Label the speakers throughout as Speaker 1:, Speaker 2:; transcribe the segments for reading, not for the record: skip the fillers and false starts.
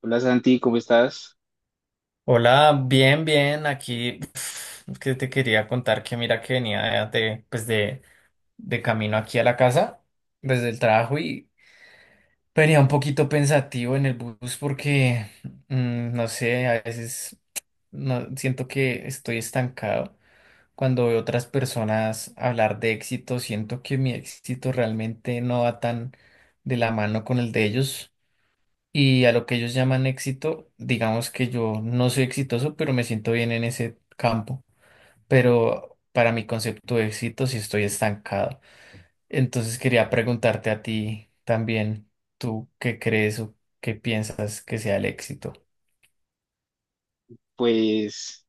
Speaker 1: Hola Santi, ¿cómo estás?
Speaker 2: Hola, bien, bien, aquí es que te quería contar que mira que venía pues de camino aquí a la casa, desde el trabajo y venía un poquito pensativo en el bus porque, no sé, a veces no, siento que estoy estancado. Cuando veo otras personas hablar de éxito, siento que mi éxito realmente no va tan de la mano con el de ellos y a lo que ellos llaman éxito, digamos que yo no soy exitoso, pero me siento bien en ese campo. Pero para mi concepto de éxito sí estoy estancado. Entonces quería preguntarte a ti también, ¿tú qué crees o qué piensas que sea el éxito?
Speaker 1: Pues,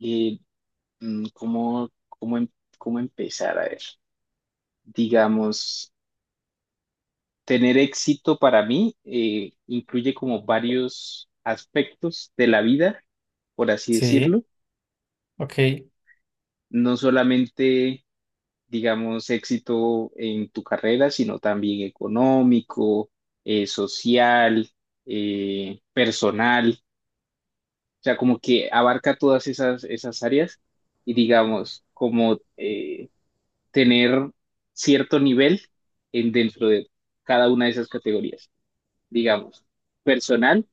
Speaker 1: eh, ¿cómo, cómo empezar? A ver, digamos, tener éxito para mí incluye como varios aspectos de la vida, por así
Speaker 2: Sí,
Speaker 1: decirlo.
Speaker 2: ok,
Speaker 1: No solamente, digamos, éxito en tu carrera, sino también económico, social, personal. O sea, como que abarca todas esas áreas y digamos, como tener cierto nivel en, dentro de cada una de esas categorías. Digamos, personal,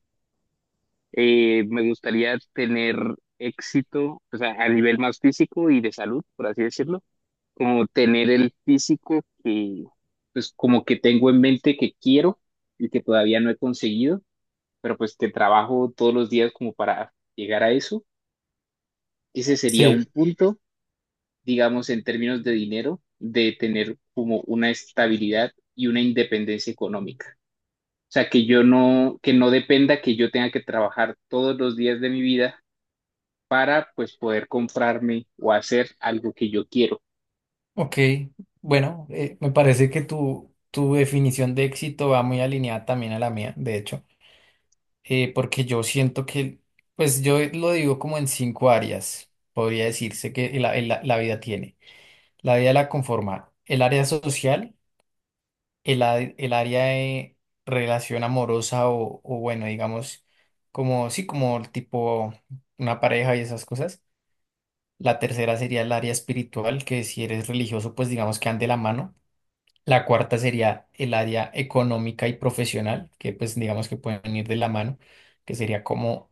Speaker 1: me gustaría tener éxito, o sea, a nivel más físico y de salud, por así decirlo, como tener el físico que, pues, como que tengo en mente que quiero y que todavía no he conseguido, pero pues que trabajo todos los días como para llegar a eso, ese sería un
Speaker 2: sí,
Speaker 1: punto, digamos, en términos de dinero, de tener como una estabilidad y una independencia económica. O sea, que no dependa que yo tenga que trabajar todos los días de mi vida para pues poder comprarme o hacer algo que yo quiero,
Speaker 2: ok. Bueno, me parece que tu definición de éxito va muy alineada también a la mía, de hecho. Porque yo siento que, pues yo lo digo como en cinco áreas, podría decirse que la vida tiene. La vida la conforma el área social, el área de relación amorosa o bueno, digamos, como, sí, como el tipo una pareja y esas cosas. La tercera sería el área espiritual, que si eres religioso, pues digamos que ande la mano. La cuarta sería el área económica y profesional, que pues digamos que pueden ir de la mano, que sería como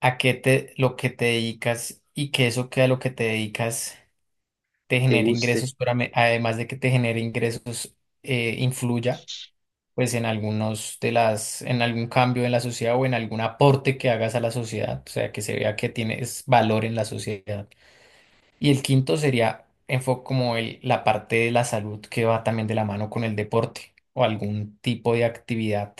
Speaker 2: a qué te, lo que te dedicas y que eso que a lo que te dedicas te
Speaker 1: te
Speaker 2: genere
Speaker 1: guste.
Speaker 2: ingresos, pero además de que te genere ingresos, influya pues en algunos de las, en algún cambio en la sociedad o en algún aporte que hagas a la sociedad, o sea, que se vea que tienes valor en la sociedad. Y el quinto sería como el, la parte de la salud que va también de la mano con el deporte o algún tipo de actividad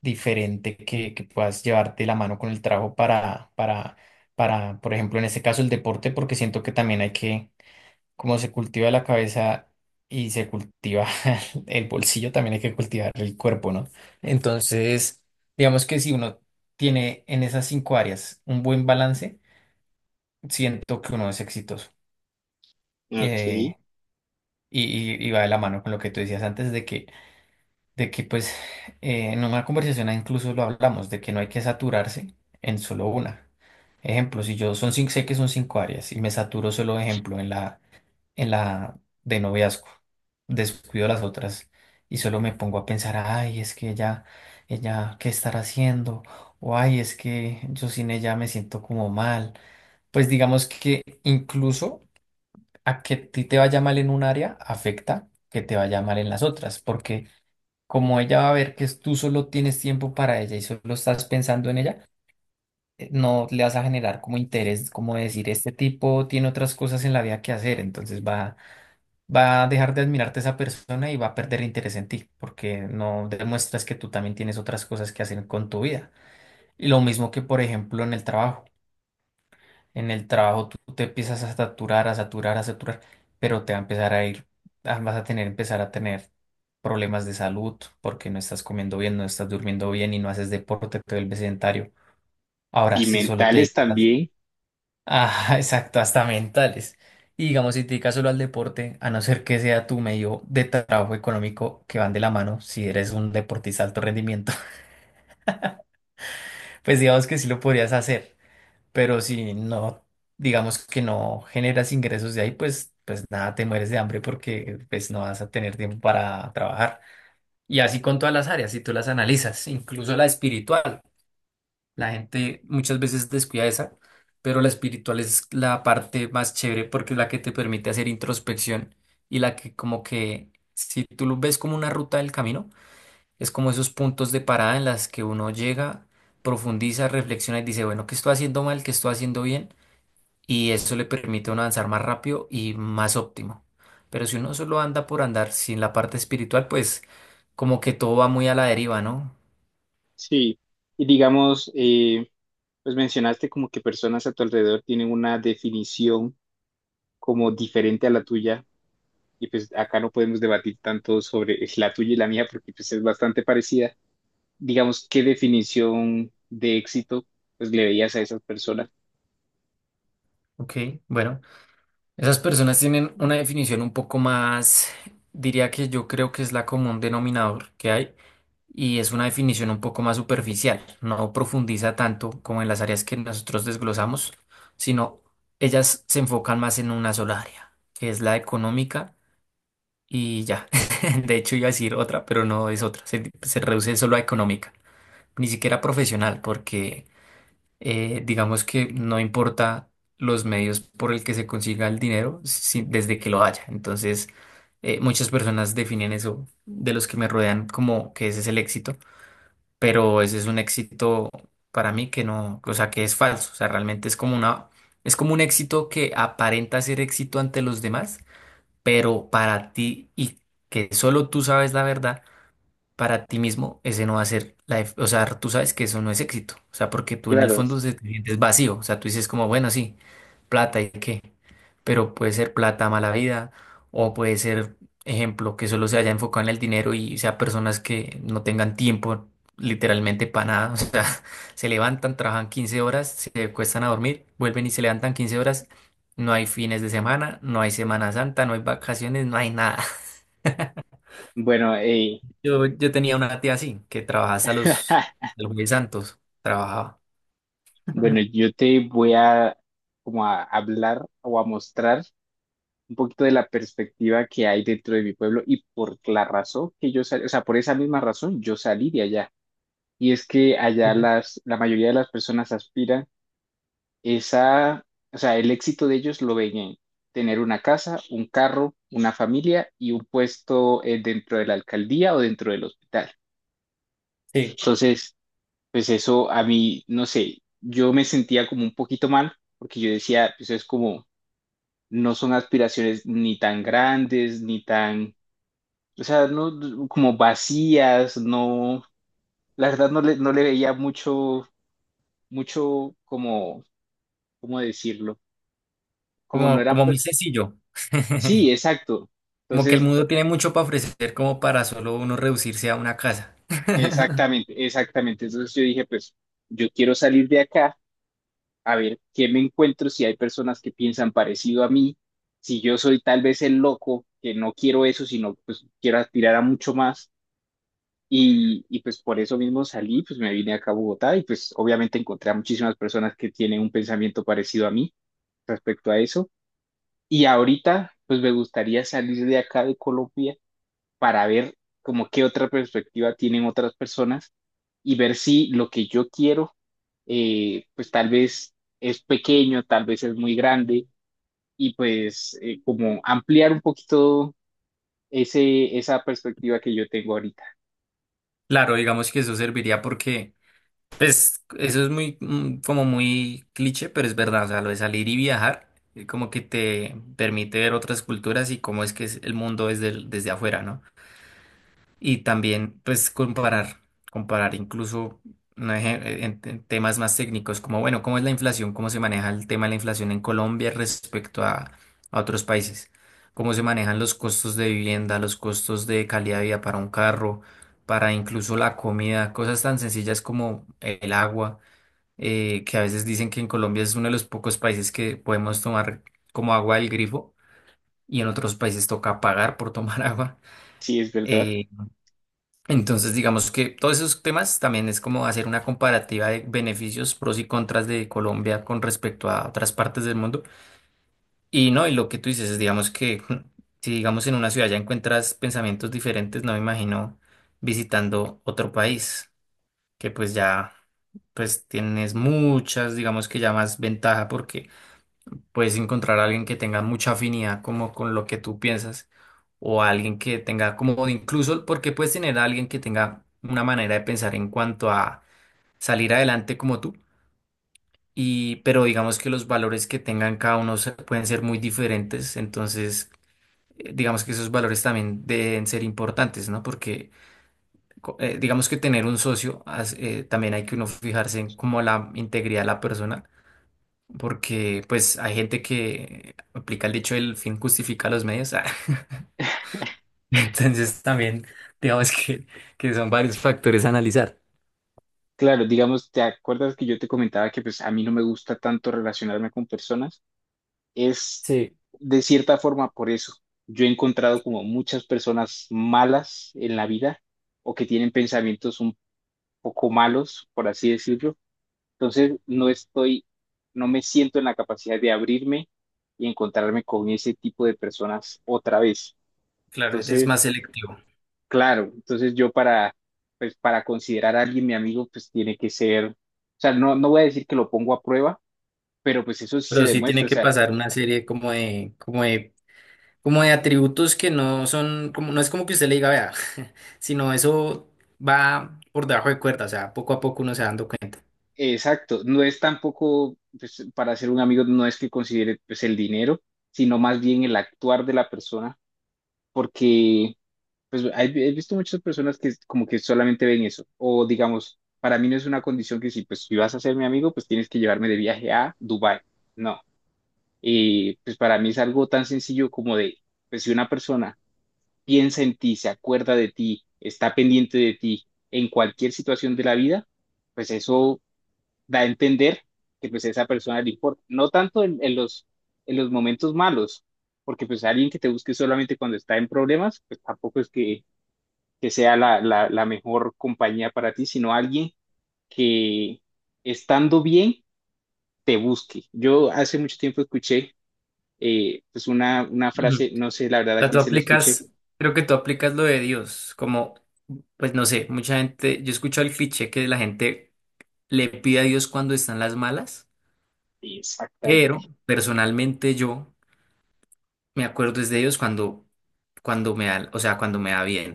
Speaker 2: diferente que puedas llevar de la mano con el trabajo para, por ejemplo, en este caso el deporte, porque siento que también hay que, como se cultiva la cabeza y se cultiva el bolsillo, también hay que cultivar el cuerpo, ¿no? Entonces, digamos que si uno tiene en esas cinco áreas un buen balance, siento que uno es exitoso.
Speaker 1: Ok.
Speaker 2: Eh, Y, y va de la mano con lo que tú decías antes de que pues en una conversación incluso lo hablamos, de que no hay que saturarse en solo una. Ejemplo, si yo son cinco, sé que son cinco áreas y me saturo solo, ejemplo, en la de noviazgo, descuido las otras y solo me pongo a pensar, ay, es que ella, ¿qué estará haciendo? O ay, es que yo sin ella me siento como mal. Pues digamos que incluso a que a ti te vaya mal en un área afecta que te vaya mal en las otras, porque como ella va a ver que tú solo tienes tiempo para ella y solo estás pensando en ella, no le vas a generar como interés, como decir, este tipo tiene otras cosas en la vida que hacer, entonces va, va a dejar de admirarte esa persona y va a perder interés en ti, porque no demuestras que tú también tienes otras cosas que hacer con tu vida. Y lo mismo que, por ejemplo, en el trabajo. En el trabajo tú te empiezas a saturar, a saturar, a saturar, pero te va a empezar a ir, ah, vas a tener, empezar a tener problemas de salud porque no estás comiendo bien, no estás durmiendo bien y no haces deporte, te vuelves sedentario. Ahora,
Speaker 1: Y
Speaker 2: si solo te
Speaker 1: mentales
Speaker 2: dedicas al...
Speaker 1: también.
Speaker 2: Ah, exacto, hasta mentales. Y digamos, si te dedicas solo al deporte, a no ser que sea tu medio de trabajo económico que van de la mano, si eres un deportista de alto rendimiento, pues digamos que sí lo podrías hacer. Pero si no, digamos que no generas ingresos de ahí, pues, pues nada, te mueres de hambre porque pues no vas a tener tiempo para trabajar. Y así con todas las áreas, si tú las analizas, incluso la espiritual, la gente muchas veces descuida esa, pero la espiritual es la parte más chévere porque es la que te permite hacer introspección y la que como que, si tú lo ves como una ruta del camino, es como esos puntos de parada en las que uno llega, profundiza, reflexiona y dice, bueno, ¿qué estoy haciendo mal? ¿Qué estoy haciendo bien? Y eso le permite a uno avanzar más rápido y más óptimo. Pero si uno solo anda por andar sin la parte espiritual, pues como que todo va muy a la deriva, ¿no?
Speaker 1: Sí. Y digamos, pues mencionaste como que personas a tu alrededor tienen una definición como diferente a la tuya y pues acá no podemos debatir tanto sobre la tuya y la mía porque pues es bastante parecida. Digamos, ¿qué definición de éxito pues le veías a esas personas?
Speaker 2: Ok, bueno, esas personas tienen una definición un poco más, diría que yo creo que es la común denominador que hay, y es una definición un poco más superficial, no profundiza tanto como en las áreas que nosotros desglosamos, sino ellas se enfocan más en una sola área, que es la económica y ya. De hecho, iba a decir otra, pero no es otra. Se reduce solo a económica, ni siquiera profesional, porque digamos que no importa los medios por el que se consiga el dinero, desde que lo haya. Entonces, muchas personas definen eso de los que me rodean como que ese es el éxito, pero ese es un éxito para mí que no, o sea, que es falso. O sea, realmente es como una, es como un éxito que aparenta ser éxito ante los demás pero para ti y que solo tú sabes la verdad, para ti mismo ese no va a ser la, o sea, tú sabes que eso no es éxito, o sea, porque tú en el
Speaker 1: Claro,
Speaker 2: fondo te sientes vacío, o sea, tú dices como, bueno, sí, plata y qué. Pero puede ser plata mala vida o puede ser, ejemplo, que solo se haya enfocado en el dinero y sea personas que no tengan tiempo literalmente para nada. O sea, se levantan, trabajan 15 horas, se cuestan a dormir, vuelven y se levantan 15 horas. No hay fines de semana, no hay Semana Santa, no hay vacaciones, no hay nada.
Speaker 1: bueno,
Speaker 2: Yo tenía una tía así, que trabajaba hasta los jueves santos, trabajaba.
Speaker 1: bueno, yo te voy a como a hablar o a mostrar un poquito de la perspectiva que hay dentro de mi pueblo y por la razón que yo salí, o sea, por esa misma razón yo salí de allá. Y es que allá
Speaker 2: Sí.
Speaker 1: la mayoría de las personas aspiran esa, o sea, el éxito de ellos lo ven en tener una casa, un carro, una familia y un puesto dentro de la alcaldía o dentro del hospital.
Speaker 2: Sí,
Speaker 1: Entonces, pues eso a mí, no sé, yo me sentía como un poquito mal porque yo decía, pues es como, no son aspiraciones ni tan grandes, ni tan, o sea, como vacías, no, la verdad no le veía mucho, mucho como, ¿cómo decirlo? Como no
Speaker 2: como,
Speaker 1: eran,
Speaker 2: como muy
Speaker 1: pers-
Speaker 2: sencillo.
Speaker 1: Sí, exacto.
Speaker 2: Como que el
Speaker 1: Entonces,
Speaker 2: mundo tiene mucho para ofrecer como para solo uno reducirse a una casa.
Speaker 1: exactamente, exactamente. Entonces yo dije, pues yo quiero salir de acá a ver qué me encuentro, si hay personas que piensan parecido a mí, si yo soy tal vez el loco, que no quiero eso, sino pues quiero aspirar a mucho más. Y pues por eso mismo salí, pues me vine acá a Bogotá y pues obviamente encontré a muchísimas personas que tienen un pensamiento parecido a mí respecto a eso. Y ahorita, pues me gustaría salir de acá de Colombia para ver como qué otra perspectiva tienen otras personas y ver si lo que yo quiero, pues tal vez es pequeño, tal vez es muy grande y pues como ampliar un poquito esa perspectiva que yo tengo ahorita.
Speaker 2: Claro, digamos que eso serviría porque, pues, eso es muy, como muy cliché, pero es verdad, o sea, lo de salir y viajar, como que te permite ver otras culturas y cómo es que es el mundo desde, desde afuera, ¿no? Y también, pues, comparar, comparar incluso no en temas más técnicos, como, bueno, cómo es la inflación, cómo se maneja el tema de la inflación en Colombia respecto a otros países, cómo se manejan los costos de vivienda, los costos de calidad de vida para un carro, para incluso la comida, cosas tan sencillas como el agua, que a veces dicen que en Colombia es uno de los pocos países que podemos tomar como agua del grifo y en otros países toca pagar por tomar agua.
Speaker 1: Sí, es verdad.
Speaker 2: eh, entonces, digamos que todos esos temas también es como hacer una comparativa de beneficios, pros y contras de Colombia con respecto a otras partes del mundo. Y no, y lo que tú dices es, digamos que si digamos en una ciudad ya encuentras pensamientos diferentes, no me imagino visitando otro país, que pues ya pues tienes muchas, digamos que ya más ventaja porque puedes encontrar a alguien que tenga mucha afinidad como con lo que tú piensas o alguien que tenga como o incluso porque puedes tener a alguien que tenga una manera de pensar en cuanto a salir adelante como tú y pero digamos que los valores que tengan cada uno pueden ser muy diferentes, entonces digamos que esos valores también deben ser importantes, ¿no? Porque digamos que tener un socio también hay que uno fijarse en como la integridad de la persona porque pues hay gente que aplica el dicho el fin justifica los medios. Ah. Entonces también digamos que son varios factores a analizar.
Speaker 1: Claro, digamos, ¿te acuerdas que yo te comentaba que pues a mí no me gusta tanto relacionarme con personas? Es
Speaker 2: Sí,
Speaker 1: de cierta forma por eso. Yo he encontrado como muchas personas malas en la vida o que tienen pensamientos un poco malos, por así decirlo. Entonces, no me siento en la capacidad de abrirme y encontrarme con ese tipo de personas otra vez.
Speaker 2: claro, es
Speaker 1: Entonces,
Speaker 2: más selectivo,
Speaker 1: claro, entonces yo para, pues, para considerar a alguien mi amigo, pues tiene que ser, o sea, no voy a decir que lo pongo a prueba, pero pues eso sí se
Speaker 2: pero sí tiene
Speaker 1: demuestra, o
Speaker 2: que
Speaker 1: sea,
Speaker 2: pasar una serie como de atributos que no son, como, no es como que usted le diga, vea, sino eso va por debajo de cuerda, o sea, poco a poco uno se va dando cuenta.
Speaker 1: exacto, no es tampoco, pues, para ser un amigo no es que considere, pues, el dinero, sino más bien el actuar de la persona, porque pues he visto muchas personas que como que solamente ven eso, o digamos, para mí no es una condición que si vas a ser mi amigo, pues tienes que llevarme de viaje a Dubái. No. Y pues para mí es algo tan sencillo como de, pues si una persona piensa en ti, se acuerda de ti, está pendiente de ti en cualquier situación de la vida, pues eso da a entender que pues a esa persona le importa, no tanto en los momentos malos, porque pues alguien que te busque solamente cuando está en problemas, pues tampoco es que sea la mejor compañía para ti, sino alguien que estando bien te busque. Yo hace mucho tiempo escuché pues una frase, no sé la verdad a
Speaker 2: Sea, tú
Speaker 1: quién se la escuché.
Speaker 2: aplicas, creo que tú aplicas lo de Dios, como, pues no sé, mucha gente, yo he escuchado el cliché que la gente le pide a Dios cuando están las malas, pero
Speaker 1: Exactamente,
Speaker 2: personalmente yo me acuerdo es de Dios cuando, cuando me da, o sea, cuando me da bien.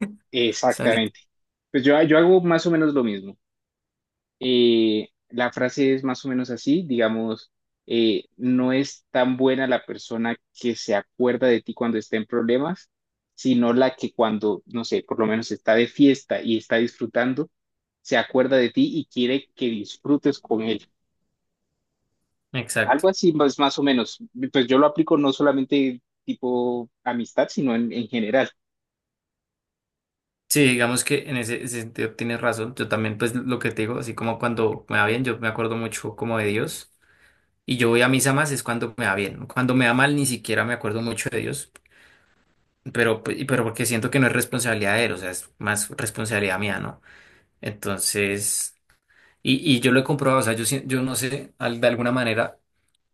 Speaker 2: Salir.
Speaker 1: exactamente. Pues yo hago más o menos lo mismo. La frase es más o menos así, digamos, no es tan buena la persona que se acuerda de ti cuando está en problemas, sino la que cuando, no sé, por lo menos está de fiesta y está disfrutando, se acuerda de ti y quiere que disfrutes con él.
Speaker 2: Exacto.
Speaker 1: Algo así más, más o menos. Pues yo lo aplico no solamente tipo amistad, sino en general.
Speaker 2: Sí, digamos que en ese, ese sentido tienes razón. Yo también, pues lo que te digo, así como cuando me va bien, yo me acuerdo mucho como de Dios. Y yo voy a misa más es cuando me va bien. Cuando me va mal, ni siquiera me acuerdo mucho de Dios. Pero, pero porque siento que no es responsabilidad de él, o sea, es más responsabilidad mía, ¿no? Entonces, y yo lo he comprobado, o sea, yo, yo no sé, de alguna manera,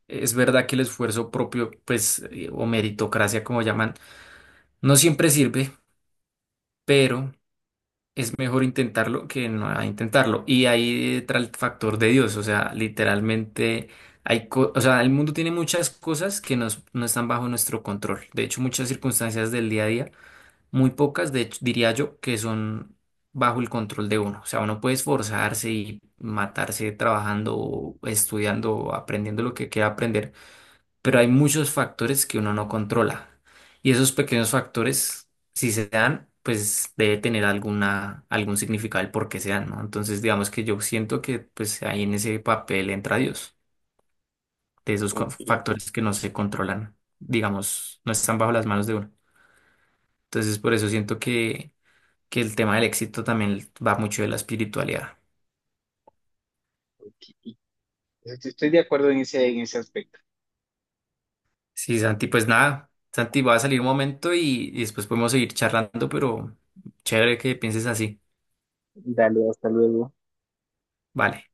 Speaker 2: es verdad que el esfuerzo propio, pues, o meritocracia, como llaman, no siempre sirve, pero es mejor intentarlo que no intentarlo. Y ahí entra el factor de Dios, o sea, literalmente... Hay o sea, el mundo tiene muchas cosas que nos, no están bajo nuestro control. De hecho, muchas circunstancias del día a día muy pocas, de hecho, diría yo, que son bajo el control de uno. O sea, uno puede esforzarse y matarse trabajando, estudiando, aprendiendo lo que quiera aprender, pero hay muchos factores que uno no controla. Y esos pequeños factores, si se dan, pues debe tener alguna, algún significado el por qué se dan, ¿no? Entonces, digamos que yo siento que pues ahí en ese papel entra Dios, de esos
Speaker 1: Ok,
Speaker 2: factores que no se controlan, digamos, no están bajo las manos de uno. Entonces, por eso siento que el tema del éxito también va mucho de la espiritualidad.
Speaker 1: ok. Estoy de acuerdo en ese aspecto.
Speaker 2: Sí, Santi, pues nada, Santi va a salir un momento y después podemos seguir charlando, pero chévere que pienses así.
Speaker 1: Dale, hasta luego.
Speaker 2: Vale.